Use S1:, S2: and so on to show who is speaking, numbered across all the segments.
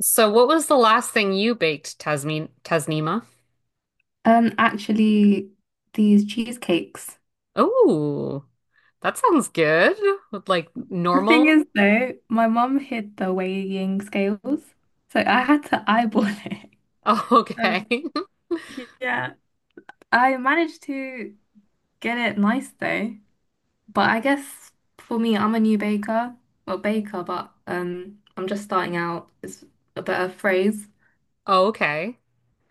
S1: So, what was the last thing you baked, Tasmin Tasnima?
S2: Um, actually, these cheesecakes.
S1: Oh, that sounds good. With like
S2: The thing
S1: normal.
S2: is, though, my mum hid the weighing scales, so I had to eyeball it.
S1: Oh,
S2: Um,
S1: okay.
S2: yeah. I managed to get it nice though, but I guess for me, I'm a new baker, well, baker, but I'm just starting out is a better phrase.
S1: okay.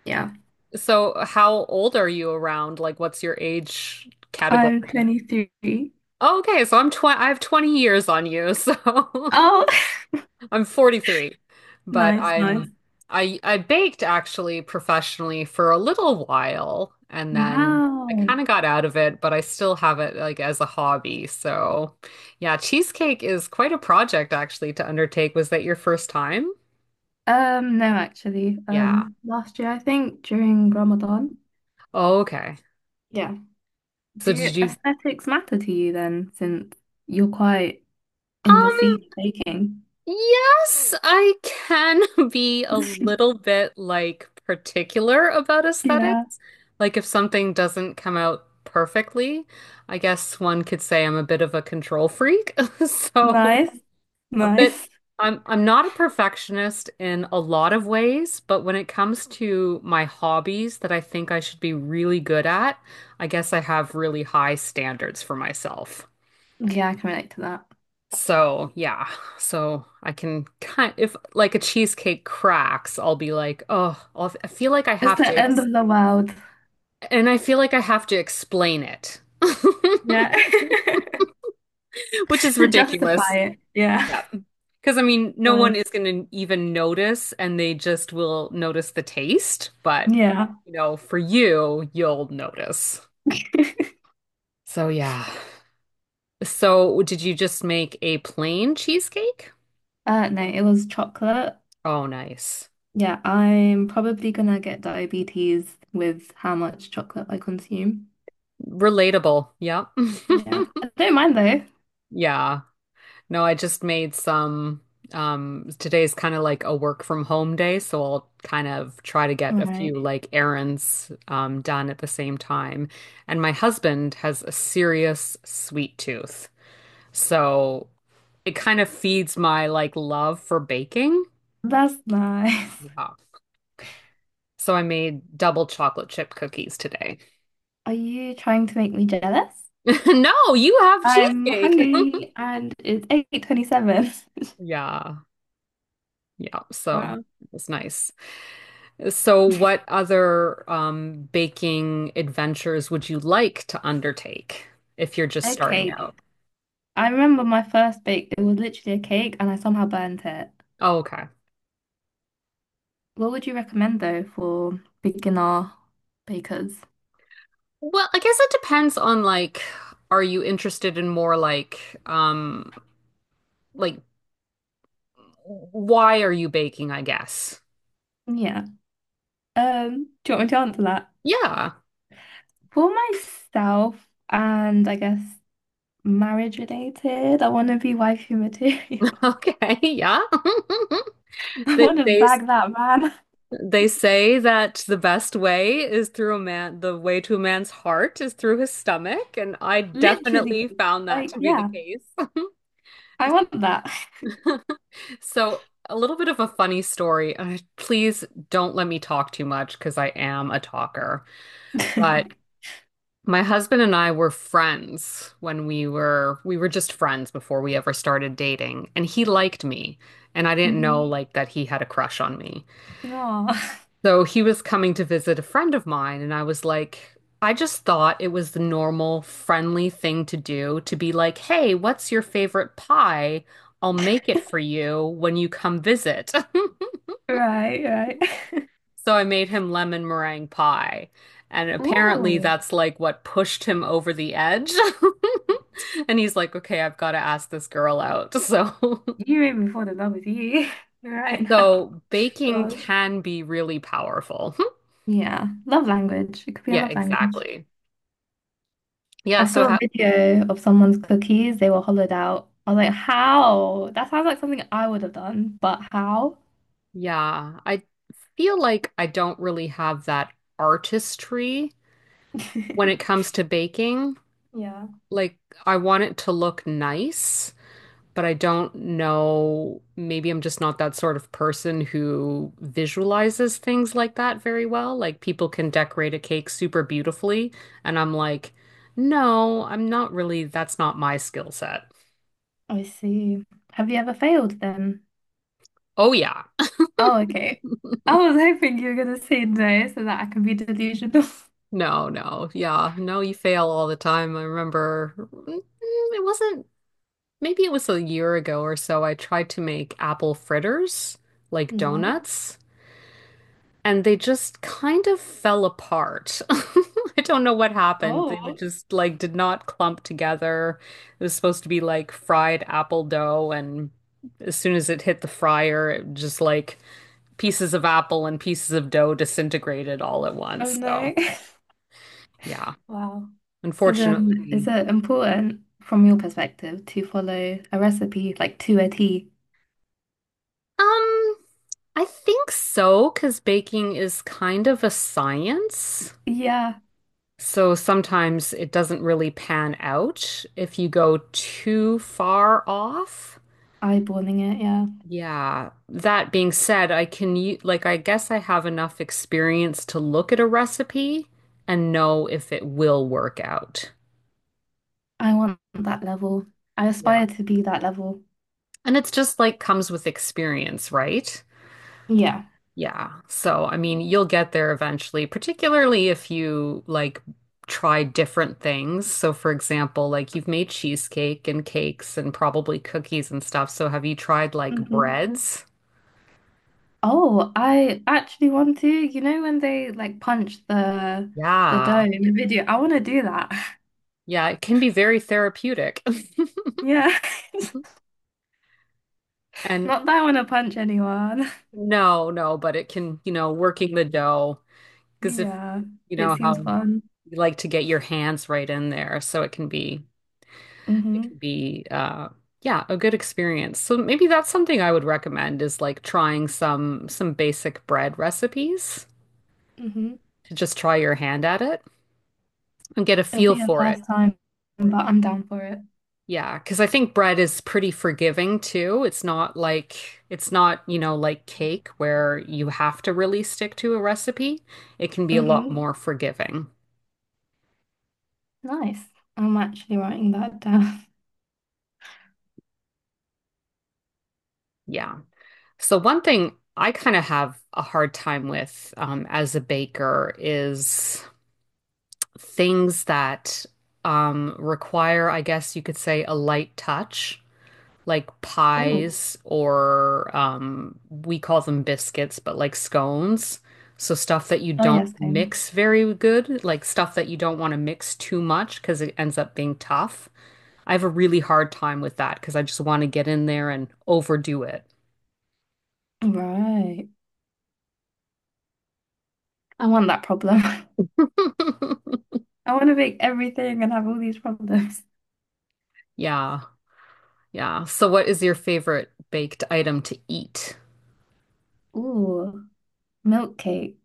S2: Yeah,
S1: So, how old are you around? Like, what's your age
S2: I'm
S1: category?
S2: 23.
S1: Oh, okay, so I have 20 years on you, so
S2: Oh,
S1: I'm 43, but
S2: nice, nice.
S1: I baked actually professionally for a little while and then I
S2: Wow.
S1: kind of got out of it, but I still have it like as a hobby. So, yeah, cheesecake is quite a project actually to undertake. Was that your first time?
S2: No, actually.
S1: Yeah.
S2: Last year, I think, during Ramadan.
S1: Oh, okay.
S2: Yeah.
S1: So
S2: Do
S1: did you
S2: aesthetics matter to you then, since you're quite in the
S1: um
S2: scene of baking?
S1: Yes, I can be a little bit like particular about
S2: Yeah.
S1: aesthetics. Like if something doesn't come out perfectly, I guess one could say I'm a bit of a control freak. So
S2: Nice.
S1: a bit
S2: Nice.
S1: I'm not a perfectionist in a lot of ways, but when it comes to my hobbies that I think I should be really good at, I guess I have really high standards for myself.
S2: Yeah, I can relate to that.
S1: So yeah, so I can kind if like a cheesecake cracks, I'll be like, oh, I feel like I
S2: It's
S1: have
S2: the
S1: to,
S2: end
S1: ex
S2: of the world.
S1: and I feel like I have to explain it,
S2: Yeah.
S1: which is
S2: To
S1: ridiculous.
S2: justify it. Yeah.
S1: Yeah, because I mean, no one is
S2: Nice.
S1: going to even notice, and they just will notice the taste. But
S2: Yeah.
S1: you know, for you, you'll notice. So yeah. So did you just make a plain cheesecake?
S2: No, it was chocolate.
S1: Oh, nice.
S2: Yeah, I'm probably gonna get diabetes with how much chocolate I consume.
S1: Relatable. Yep.
S2: Yeah. I don't mind though.
S1: Yeah. No, I just made some. Today's kind of like a work from home day, so I'll kind of try to get a
S2: Right.
S1: few like errands done at the same time. And my husband has a serious sweet tooth, so it kind of feeds my like love for baking.
S2: That's nice.
S1: Yeah. So I made double chocolate chip cookies today.
S2: Are you trying to make me jealous?
S1: No, you have
S2: I'm
S1: cheesecake.
S2: hungry and it's 8:27.
S1: Yeah. Yeah. So
S2: Wow.
S1: it was nice. So, what other baking adventures would you like to undertake if you're just
S2: A
S1: starting
S2: cake.
S1: out?
S2: I remember my first bake, it was literally a cake and I somehow burnt it.
S1: Oh, okay.
S2: What would you recommend though for beginner bakers?
S1: Well, I guess it depends on like, are you interested in more um, like why are you baking, I guess.
S2: Yeah. Do you want me to answer that?
S1: Yeah.
S2: For myself and I guess marriage related, I want to be wifey material.
S1: Okay. Yeah.
S2: I
S1: They,
S2: want to
S1: they
S2: bag that man.
S1: they say that the best way is through a man, the way to a man's heart is through his stomach, and I
S2: Literally,
S1: definitely found that
S2: like,
S1: to be the
S2: yeah,
S1: case.
S2: I want that.
S1: So, a little bit of a funny story. Please don't let me talk too much because I am a talker. But my husband and I were friends when we were just friends before we ever started dating, and he liked me, and I didn't know
S2: Hmm.
S1: like that he had a crush on me.
S2: Oh,
S1: So he was coming to visit a friend of mine, and I was like, I just thought it was the normal, friendly thing to do to be like, "Hey, what's your favorite pie? I'll make it for you when you come visit."
S2: right, right.
S1: So I made him lemon meringue pie. And apparently
S2: Ooh,
S1: that's like what pushed him over the edge. And he's like, okay, I've got to ask this girl out. So,
S2: you made me fall in love with you right now.
S1: so baking
S2: Gosh.
S1: can be really powerful.
S2: Yeah, love language. It could be a
S1: Yeah,
S2: love language.
S1: exactly. Yeah.
S2: I
S1: So,
S2: saw a
S1: ha
S2: video of someone's cookies. They were hollowed out. I was like, how? That sounds like something I would have done, but how?
S1: yeah, I feel like I don't really have that artistry when it comes to baking.
S2: Yeah,
S1: Like, I want it to look nice, but I don't know. Maybe I'm just not that sort of person who visualizes things like that very well. Like people can decorate a cake super beautifully, and I'm like, no, I'm not really, that's not my skill set.
S2: I see. Have you ever failed then?
S1: Oh, yeah.
S2: Oh, okay. I was hoping you were gonna say no so that I can be delusional.
S1: No, no. Yeah. No, you fail all the time. I remember mm, it wasn't, maybe it was a year ago or so. I tried to make apple fritters, like
S2: Nice.
S1: donuts, and they just kind of fell apart. I don't know what happened. They were
S2: Oh,
S1: just like did not clump together. It was supposed to be like fried apple dough, and as soon as it hit the fryer, it just like pieces of apple and pieces of dough disintegrated all at
S2: oh
S1: once.
S2: no.
S1: So, yeah,
S2: Wow. So then, is
S1: unfortunately.
S2: it important from your perspective to follow a recipe like to a T?
S1: Um, I think so, because baking is kind of a science.
S2: Yeah,
S1: So sometimes it doesn't really pan out if you go too far off.
S2: eyeballing it. Yeah,
S1: Yeah. That being said, I can like I guess I have enough experience to look at a recipe and know if it will work out.
S2: I want that level. I
S1: Yeah.
S2: aspire to be that level.
S1: And it's just like comes with experience, right?
S2: Yeah.
S1: Yeah. So, I mean, you'll get there eventually, particularly if you like try different things. So, for example, like you've made cheesecake and cakes and probably cookies and stuff. So, have you tried like
S2: Hmm.
S1: breads?
S2: Oh, I actually want to. You know when they like punch the
S1: Yeah.
S2: dough in the video? I want to do that.
S1: Yeah, it can be very therapeutic.
S2: Yeah.
S1: And
S2: Not that I want to punch anyone.
S1: no, no, but it can, you know, working the dough, because if
S2: Yeah,
S1: you
S2: it
S1: know
S2: seems
S1: how
S2: fun.
S1: you like to get your hands right in there, so it can be it can
S2: Hmm.
S1: be uh yeah, a good experience. So maybe that's something I would recommend is like trying some basic bread recipes
S2: Hmm.
S1: to just try your hand at it and get a
S2: It'll
S1: feel
S2: be the
S1: for it.
S2: first time, but I'm down for it.
S1: Yeah, because I think bread is pretty forgiving too. It's not, you know, like cake where you have to really stick to a recipe. It can be a lot
S2: Hmm.
S1: more forgiving.
S2: Nice. I'm actually writing that down.
S1: Yeah. So one thing I kind of have a hard time with as a baker is things that require, I guess you could say, a light touch, like
S2: Oh,
S1: pies or we call them biscuits, but like scones. So stuff that you
S2: oh
S1: don't
S2: yes, kind.
S1: mix very good, like stuff that you don't want to mix too much because it ends up being tough. I have a really hard time with that because I just want to get in there and overdo it.
S2: Right. I want that problem. I want to make everything and have all these problems.
S1: Yeah, yeah. So what is your favorite baked item to eat?
S2: Ooh, milk cake.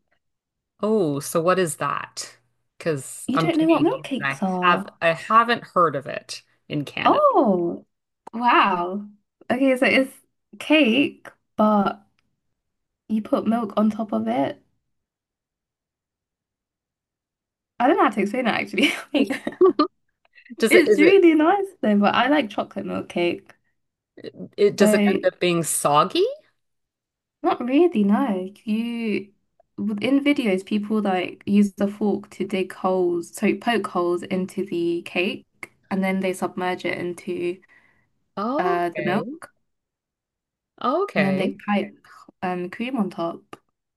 S1: Oh, so what is that? Because
S2: You
S1: I'm
S2: don't know what
S1: Canadian
S2: milk
S1: and
S2: cakes
S1: I have
S2: are.
S1: I haven't heard of it in Canada.
S2: Oh, wow. Okay, so it's cake, but you put milk on top of it. I don't know how to explain it actually. Like,
S1: Does it
S2: it's
S1: is it
S2: really nice though, but I like chocolate milk cake.
S1: it
S2: So
S1: does it end up being soggy?
S2: not really, no. You within videos, people like use the fork to dig holes, so poke holes into the cake, and then they submerge it into the
S1: Okay.
S2: milk, and then they
S1: Okay.
S2: pipe cream on top.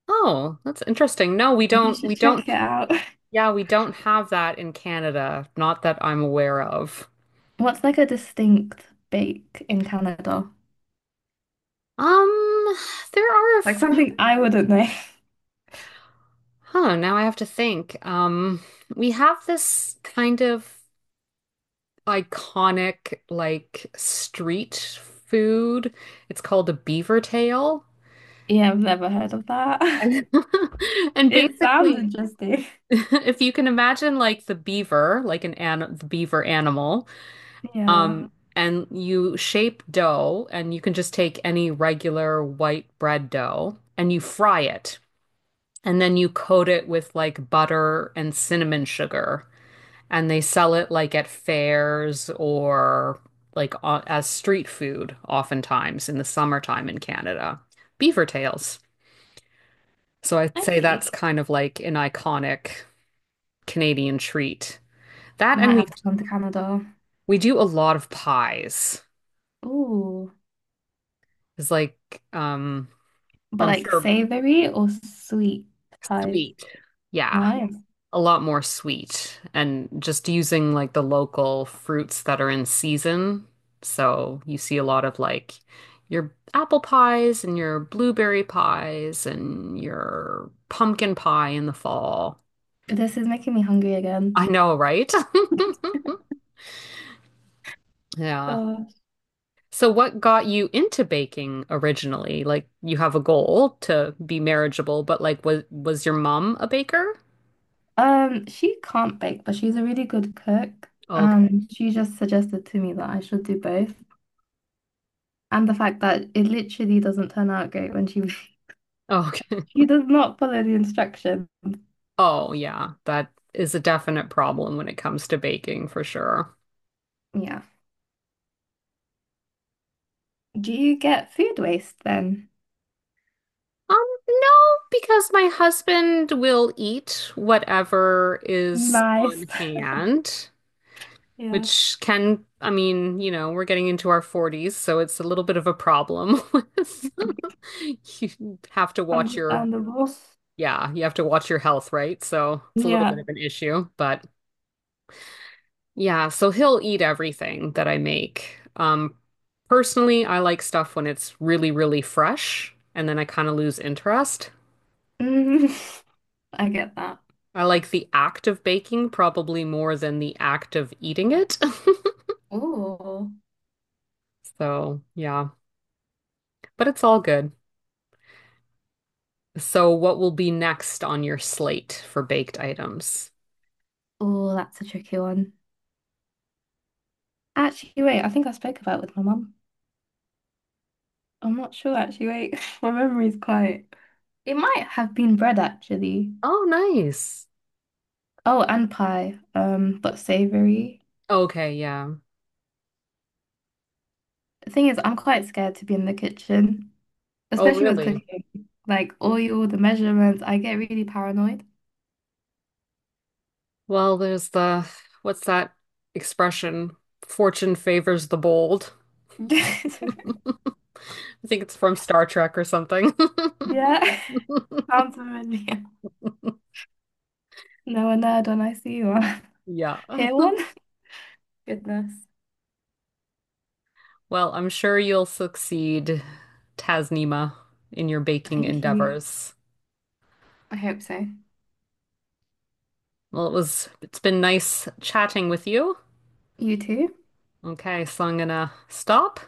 S1: Oh, that's interesting. No, we
S2: You
S1: don't we
S2: should check
S1: don't
S2: it out.
S1: yeah, we don't have that in Canada, not that I'm aware of.
S2: What's like a distinct bake in Canada?
S1: Um, there are a
S2: Like
S1: few.
S2: something I wouldn't know.
S1: Huh, now I have to think. We have this kind of iconic like street food. It's called a beaver tail.
S2: Yeah, I've never heard of that.
S1: And,
S2: It sounds
S1: basically,
S2: interesting.
S1: if you can imagine like the beaver, like an the beaver animal,
S2: Yeah,
S1: um, and you shape dough, and you can just take any regular white bread dough and you fry it, and then you coat it with like butter and cinnamon sugar. And they sell it like at fairs or like as street food, oftentimes in the summertime in Canada. Beaver tails. So I'd
S2: I
S1: say
S2: see.
S1: that's kind of like an iconic Canadian treat.
S2: I
S1: That
S2: might
S1: and we
S2: have to come to Canada.
S1: we do a lot of pies.
S2: Ooh,
S1: It's like um
S2: but
S1: I'm
S2: like
S1: sure
S2: savory or sweet pies.
S1: sweet. Yeah.
S2: Nice.
S1: A lot more sweet and just using like the local fruits that are in season. So you see a lot of like your apple pies and your blueberry pies and your pumpkin pie in the fall.
S2: This is making me hungry
S1: I
S2: again.
S1: know, right? Yeah.
S2: Gosh.
S1: So what got you into baking originally? Like you have a goal to be marriageable, but like was your mom a baker?
S2: She can't bake, but she's a really good cook,
S1: Okay.
S2: and she just suggested to me that I should do both. And the fact that it literally doesn't turn out great when she
S1: Okay.
S2: she does not follow the instructions.
S1: Oh, yeah, that is a definite problem when it comes to baking for sure.
S2: Yeah. Do you get food waste then?
S1: Um, no, because my husband will eat whatever is on
S2: Nice.
S1: hand,
S2: Yeah,
S1: which can, I mean, you know, we're getting into our 40s, so it's a little bit of a problem with you have to watch your,
S2: understandable.
S1: yeah, you have to watch your health, right? So it's a little bit
S2: Yeah.
S1: of an issue, but yeah, so he'll eat everything that I make. Personally, I like stuff when it's really, really fresh, and then I kind of lose interest.
S2: Mhm. I get that.
S1: I like the act of baking probably more than the act of eating it.
S2: Oh,
S1: So, yeah, but it's all good. So, what will be next on your slate for baked items?
S2: oh, that's a tricky one. Actually, wait, I think I spoke about it with my mum. I'm not sure, actually, wait. My memory's quite. It might have been bread, actually.
S1: Oh, nice.
S2: Oh, and pie, but savory.
S1: Okay, yeah.
S2: The thing is, I'm quite scared to be in the kitchen,
S1: Oh,
S2: especially with
S1: really?
S2: cooking. Like oil, the measurements, I get really paranoid.
S1: Well, what's that expression? Fortune favors the bold. I think it's from Star Trek or something.
S2: Yeah, sounds familiar. No, a nerd when I see one.
S1: Yeah.
S2: Hear one? Goodness.
S1: Well, I'm sure you'll succeed, Tasnima, in your baking
S2: Thank you.
S1: endeavors.
S2: I hope so.
S1: Well, it's been nice chatting with you.
S2: You too.
S1: Okay, so I'm gonna stop